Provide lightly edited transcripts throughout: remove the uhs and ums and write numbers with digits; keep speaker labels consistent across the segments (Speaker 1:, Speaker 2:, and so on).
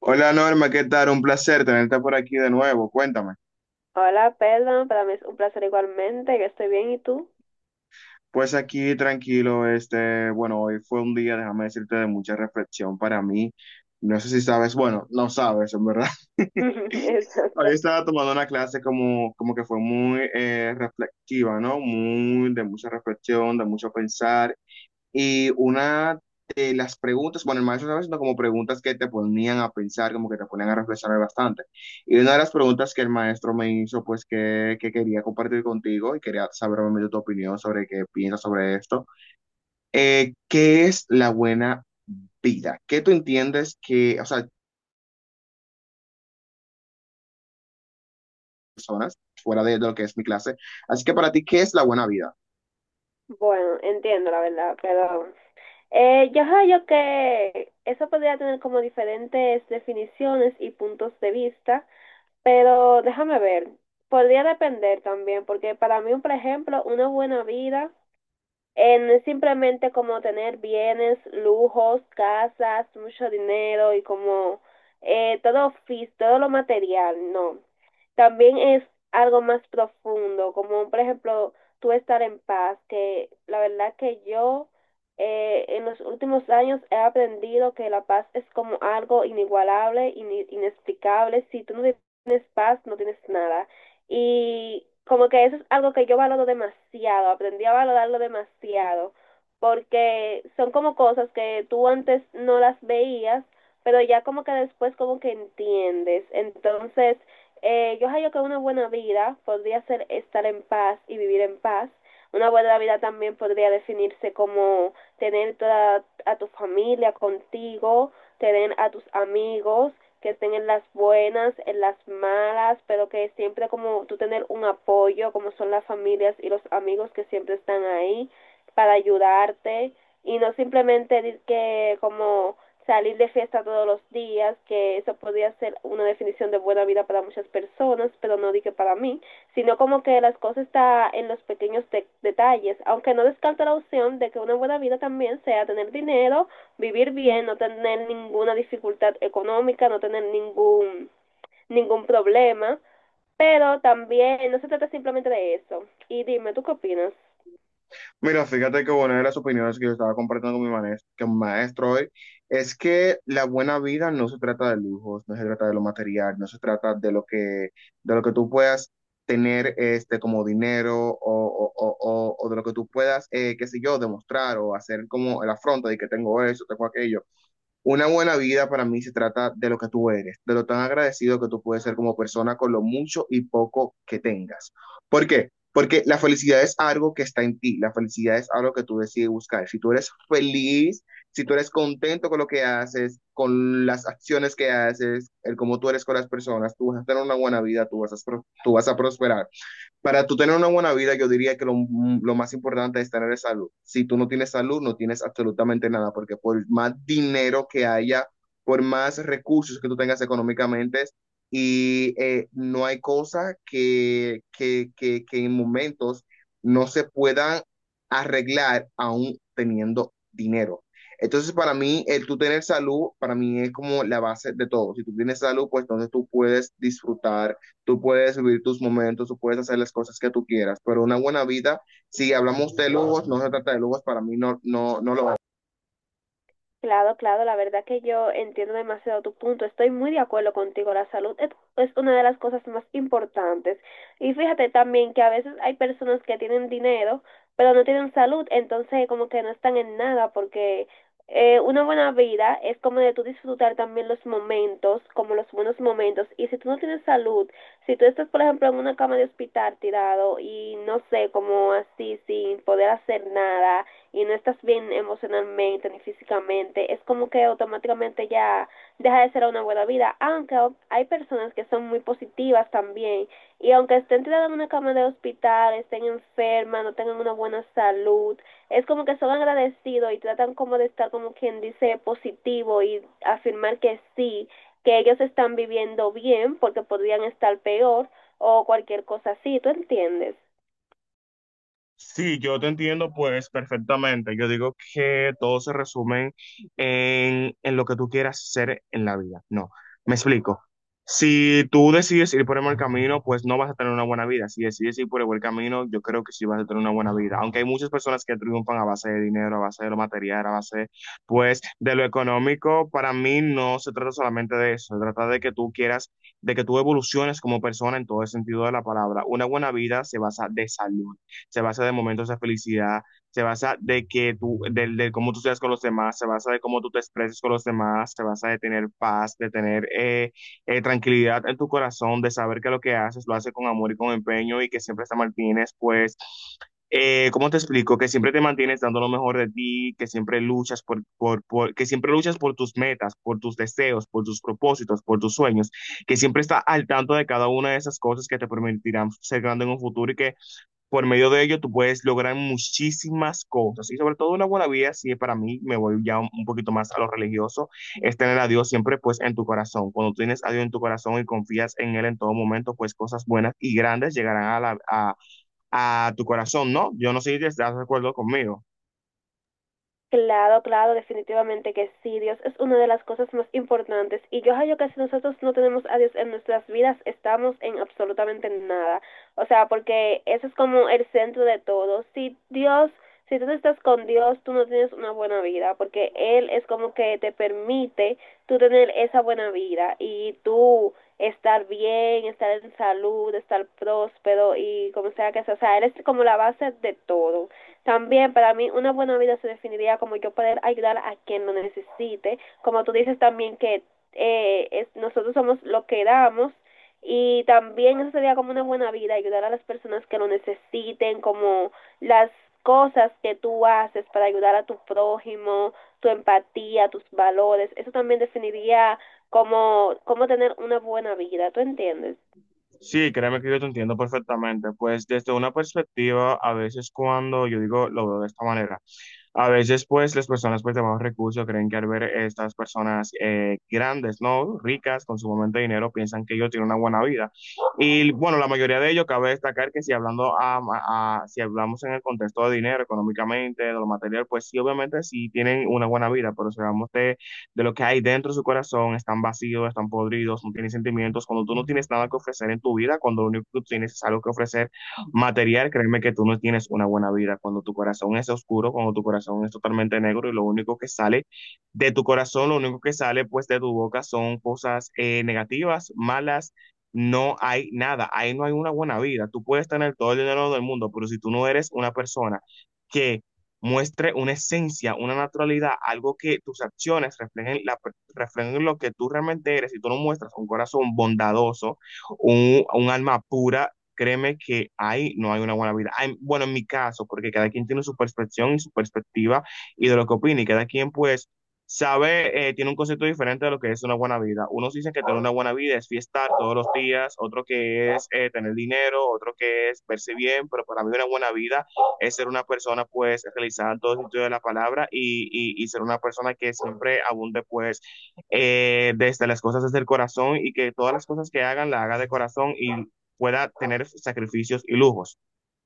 Speaker 1: Hola Norma, ¿qué tal? Un placer tenerte por aquí de nuevo. Cuéntame.
Speaker 2: Hola, perdón, para mí es un placer igualmente, que estoy bien, ¿y tú?
Speaker 1: Pues aquí tranquilo, este, bueno, hoy fue un día, déjame decirte, de mucha reflexión para mí. No sé si sabes, bueno, no sabes, en verdad. Hoy
Speaker 2: Exacto.
Speaker 1: estaba tomando una clase como, como que fue muy reflexiva, ¿no? Muy de mucha reflexión, de mucho pensar. Y una de las preguntas, bueno, el maestro estaba haciendo como preguntas que te ponían a pensar, como que te ponían a reflexionar bastante. Y una de las preguntas que el maestro me hizo, pues que quería compartir contigo y quería saber obviamente tu opinión sobre qué piensas sobre esto, ¿qué es la buena vida? ¿Qué tú entiendes que, o sea, personas fuera de lo que es mi clase? Así que para ti, ¿qué es la buena vida?
Speaker 2: Bueno, entiendo la verdad, pero yo creo que eso podría tener como diferentes definiciones y puntos de vista, pero déjame ver, podría depender también, porque para mí, por ejemplo, una buena vida no es simplemente como tener bienes, lujos, casas, mucho dinero y como todo, todo lo material, no. También es algo más profundo, como por ejemplo tú estar en paz, que la verdad que yo en los últimos años he aprendido que la paz es como algo inigualable, inexplicable. Si tú no tienes paz, no tienes nada. Y como que eso es algo que yo valoro demasiado, aprendí a valorarlo demasiado, porque son como cosas que tú antes no las veías, pero ya como que después como que entiendes. Entonces, yo hallo que una buena vida podría ser estar en paz y vivir en paz. Una buena vida también podría definirse como tener toda a tu familia contigo, tener a tus amigos que estén en las buenas, en las malas, pero que siempre como tú tener un apoyo, como son las familias y los amigos que siempre están ahí para ayudarte, y no simplemente que como salir de fiesta todos los días, que eso podría ser una definición de buena vida para muchas personas, pero no dije para mí, sino como que las cosas está en los pequeños de detalles, aunque no descarto la opción de que una buena vida también sea tener dinero, vivir bien, no tener ninguna dificultad económica, no tener ningún problema, pero también no se trata simplemente de eso. Y dime, ¿tú qué opinas?
Speaker 1: Mira, fíjate que bueno, una de las opiniones que yo estaba compartiendo con con mi maestro hoy es que la buena vida no se trata de lujos, no se trata de lo material, no se trata de lo que tú puedas tener este, como dinero o de lo que tú puedas, qué sé yo, demostrar o hacer como el afronto de que tengo eso, tengo aquello. Una buena vida para mí se trata de lo que tú eres, de lo tan agradecido que tú puedes ser como persona con lo mucho y poco que tengas. ¿Por qué? Porque la felicidad es algo que está en ti, la felicidad es algo que tú decides buscar. Si tú eres feliz, si tú eres contento con lo que haces, con las acciones que haces, el cómo tú eres con las personas, tú vas a tener una buena vida, tú vas a prosperar. Para tú tener una buena vida, yo diría que lo más importante es tener salud. Si tú no tienes salud, no tienes absolutamente nada, porque por más dinero que haya, por más recursos que tú tengas económicamente, y no hay cosa que en momentos no se puedan arreglar aún teniendo dinero. Entonces, para mí, el tú tener salud, para mí es como la base de todo. Si tú tienes salud, pues entonces tú puedes disfrutar, tú puedes vivir tus momentos, tú puedes hacer las cosas que tú quieras, pero una buena vida, si hablamos de lujos, no se trata de lujos, para mí no, no, no lo…
Speaker 2: Claro, claro, la verdad que yo entiendo demasiado tu punto. Estoy muy de acuerdo contigo. La salud es una de las cosas más importantes. Y fíjate también que a veces hay personas que tienen dinero, pero no tienen salud, entonces como que no están en nada, porque una buena vida es como de tú disfrutar también los momentos, como los buenos momentos. Y si tú no tienes salud, si tú estás, por ejemplo, en una cama de hospital tirado y no sé, como así, sin poder hacer nada y no estás bien emocionalmente ni físicamente, es como que automáticamente ya deja de ser una buena vida, aunque hay personas que son muy positivas también y aunque estén tiradas en una cama de hospital, estén enfermas, no tengan una buena salud, es como que son agradecidos y tratan como de estar como quien dice positivo y afirmar que sí, que ellos están viviendo bien porque podrían estar peor o cualquier cosa así, ¿tú entiendes?
Speaker 1: Sí, yo te entiendo pues perfectamente. Yo digo que todo se resume en lo que tú quieras ser en la vida. No, me explico. Si tú decides ir por el mal camino, pues no vas a tener una buena vida. Si decides ir por el buen camino, yo creo que sí vas a tener una buena vida. Aunque hay muchas personas que triunfan a base de dinero, a base de lo material, a base, pues, de lo económico. Para mí no se trata solamente de eso. Se trata de que tú quieras, de que tú evoluciones como persona en todo el sentido de la palabra. Una buena vida se basa de salud, se basa de momentos de felicidad, se basa de que tú, del de cómo tú seas con los demás, se basa de cómo tú te expreses con los demás, se basa de tener paz, de tener tranquilidad en tu corazón, de saber que lo que haces lo haces con amor y con empeño y que siempre te mantienes, pues, ¿cómo te explico? Que siempre te mantienes dando lo mejor de ti, que siempre luchas que siempre luchas por tus metas, por tus deseos, por tus propósitos, por tus sueños, que siempre está al tanto de cada una de esas cosas que te permitirán ser grande en un futuro y que por medio de ello, tú puedes lograr muchísimas cosas y sobre todo una buena vida. Si para mí me voy ya un poquito más a lo religioso, es tener a Dios siempre pues en tu corazón. Cuando tú tienes a Dios en tu corazón y confías en Él en todo momento, pues cosas buenas y grandes llegarán a tu corazón, ¿no? Yo no sé si te estás de acuerdo conmigo.
Speaker 2: Claro, claro, definitivamente que sí. Dios es una de las cosas más importantes. Y yo hallo que si nosotros no tenemos a Dios en nuestras vidas, estamos en absolutamente nada. O sea, porque eso es como el centro de todo. Si Dios, si tú no estás con Dios, tú no tienes una buena vida, porque Él es como que te permite tú tener esa buena vida y tú estar bien, estar en salud, estar próspero y como sea que sea. O sea, Él es como la base de todo. También para mí una buena vida se definiría como yo poder ayudar a quien lo necesite, como tú dices también que es, nosotros somos lo que damos y también eso sería como una buena vida, ayudar a las personas que lo necesiten, como las cosas que tú haces para ayudar a tu prójimo, tu empatía, tus valores, eso también definiría como, como tener una buena vida, ¿tú entiendes?
Speaker 1: Sí, créeme que yo te entiendo perfectamente. Pues desde una perspectiva, a veces cuando yo digo, lo veo de esta manera. A veces, pues, las personas pues, de bajos recursos creen que al ver estas personas grandes, ¿no? Ricas, con sumamente dinero, piensan que ellos tienen una buena vida. Y bueno, la mayoría de ellos, cabe destacar que si si hablamos en el contexto de dinero, económicamente, de lo material, pues sí, obviamente sí tienen una buena vida, pero si hablamos de lo que hay dentro de su corazón, están vacíos, están podridos, no tienen sentimientos, cuando tú no tienes nada que ofrecer en tu vida, cuando lo único que tú tienes es algo que ofrecer material, créeme que tú no tienes una buena vida. Cuando tu corazón es oscuro, cuando tu corazón es totalmente negro y lo único que sale de tu corazón, lo único que sale pues de tu boca son cosas negativas, malas. No hay nada, ahí no hay una buena vida. Tú puedes tener todo el dinero del mundo, pero si tú no eres una persona que muestre una esencia, una naturalidad, algo que tus acciones reflejen, reflejen lo que tú realmente eres. Si tú no muestras un corazón bondadoso, un alma pura, créeme que ahí no hay una buena vida. Hay- bueno, en mi caso, porque cada quien tiene su percepción y su perspectiva y de lo que opina, y cada quien pues sabe, tiene un concepto diferente de lo que es una buena vida. Unos dicen que tener una buena vida es fiestar todos los días, otro que es tener dinero, otro que es verse bien, pero para mí una buena vida es ser una persona pues realizada en todo sentido de la palabra y ser una persona que siempre abunde pues desde las cosas desde el corazón y que todas las cosas que hagan la haga de corazón y pueda tener sacrificios y lujos.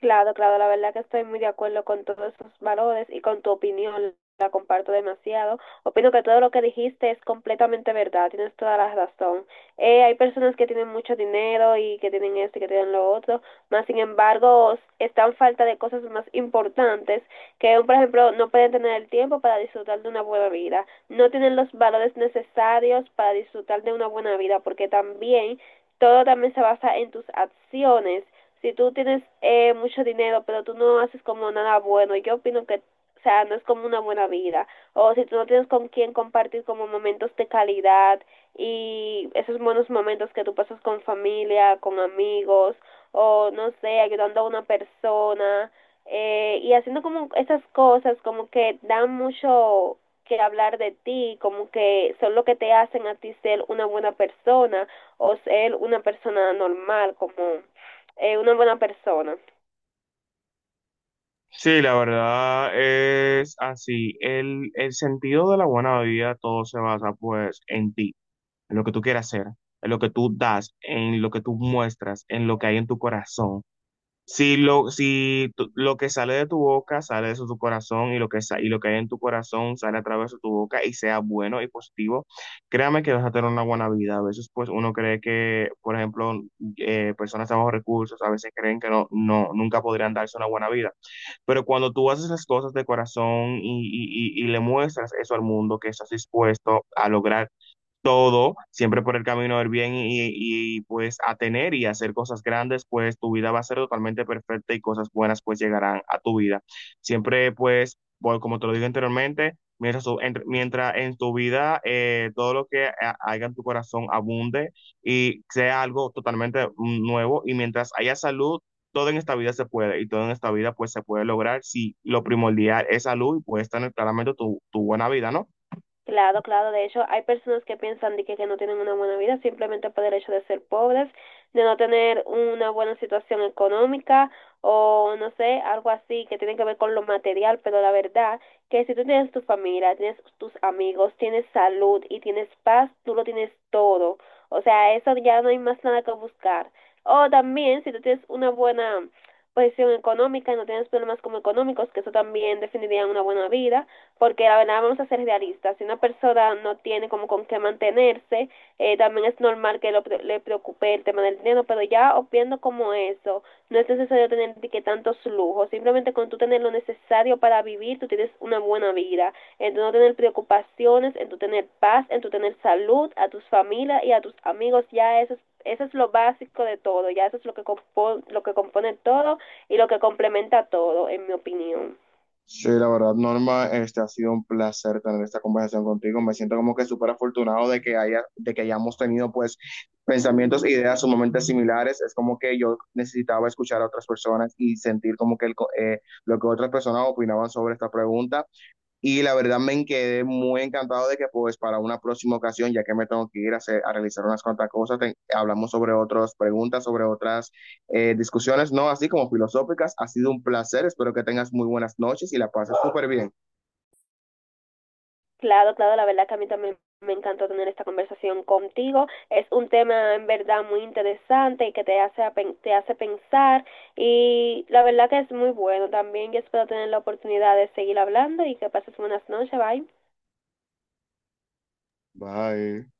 Speaker 2: Claro, claro, la verdad que estoy muy de acuerdo con todos esos valores y con tu opinión, la comparto demasiado. Opino que todo lo que dijiste es completamente verdad, tienes toda la razón. Hay personas que tienen mucho dinero y que tienen esto y que tienen lo otro, más sin embargo están falta de cosas más importantes que, por ejemplo, no pueden tener el tiempo para disfrutar de una buena vida, no tienen los valores necesarios para disfrutar de una buena vida, porque también todo también se basa en tus acciones si tú tienes mucho dinero, pero tú no haces como nada bueno, yo opino que, o sea, no es como una buena vida. O si tú no tienes con quién compartir como momentos de calidad y esos buenos momentos que tú pasas con familia, con amigos, o no sé, ayudando a una persona, y haciendo como esas cosas como que dan mucho que hablar de ti, como que son lo que te hacen a ti ser una buena persona o ser una persona normal, como una buena persona.
Speaker 1: Sí, la verdad es así. El sentido de la buena vida todo se basa pues en ti, en lo que tú quieras hacer, en lo que tú das, en lo que tú muestras, en lo que hay en tu corazón. Si lo, si tu- lo que sale de tu boca sale de tu corazón y lo y lo que hay en tu corazón sale a través de tu boca y sea bueno y positivo, créame que vas a tener una buena vida. A veces pues uno cree que, por ejemplo, personas de bajos recursos a veces creen que no, no, nunca podrían darse una buena vida. Pero cuando tú haces las cosas de corazón y le muestras eso al mundo, que estás dispuesto a lograr todo, siempre por el camino del bien y, pues a tener y hacer cosas grandes, pues tu vida va a ser totalmente perfecta y cosas buenas pues llegarán a tu vida. Siempre pues, bueno, como te lo dije anteriormente, mientras en tu vida todo lo que haya en tu corazón abunde y sea algo totalmente nuevo y mientras haya salud, todo en esta vida se puede y todo en esta vida pues se puede lograr si lo primordial es salud y puedes tener claramente tu buena vida, ¿no?
Speaker 2: Claro, claro, de hecho hay personas que piensan de que no tienen una buena vida simplemente por el hecho de ser pobres, de no tener una buena situación económica o no sé, algo así que tiene que ver con lo material, pero la verdad que si tú tienes tu familia, tienes tus amigos, tienes salud y tienes paz, tú lo tienes todo. O sea, eso ya no hay más nada que buscar. O también si tú tienes una buena posición económica y no tienes problemas como económicos, que eso también definiría una buena vida, porque la verdad vamos a ser realistas, si una persona no tiene como con qué mantenerse, también es normal que lo, le preocupe el tema del dinero, pero ya obviando como eso, no es necesario tener que tantos lujos, simplemente con tú tener lo necesario para vivir, tú tienes una buena vida, en tu no tener preocupaciones, en tu tener paz, en tu tener salud, a tus familias y a tus amigos, ya eso es lo básico de todo, ya eso es lo que, compo lo que compone todo y lo que complementa todo, en mi opinión.
Speaker 1: Sí, la verdad, Norma, este ha sido un placer tener esta conversación contigo. Me siento como que súper afortunado de que de que hayamos tenido pues pensamientos e ideas sumamente similares. Es como que yo necesitaba escuchar a otras personas y sentir como que lo que otras personas opinaban sobre esta pregunta. Y la verdad me quedé muy encantado de que pues para una próxima ocasión, ya que me tengo que ir a realizar unas cuantas cosas, hablamos sobre otras preguntas, sobre otras discusiones, no así como filosóficas. Ha sido un placer, espero que tengas muy buenas noches y la pases súper bien.
Speaker 2: Claro, claro, la verdad que a mí también me encantó tener esta conversación contigo. Es un tema en verdad muy interesante y que te hace, te hace pensar y la verdad que es muy bueno también. Yo espero tener la oportunidad de seguir hablando y que pases buenas noches. Bye.
Speaker 1: Bye.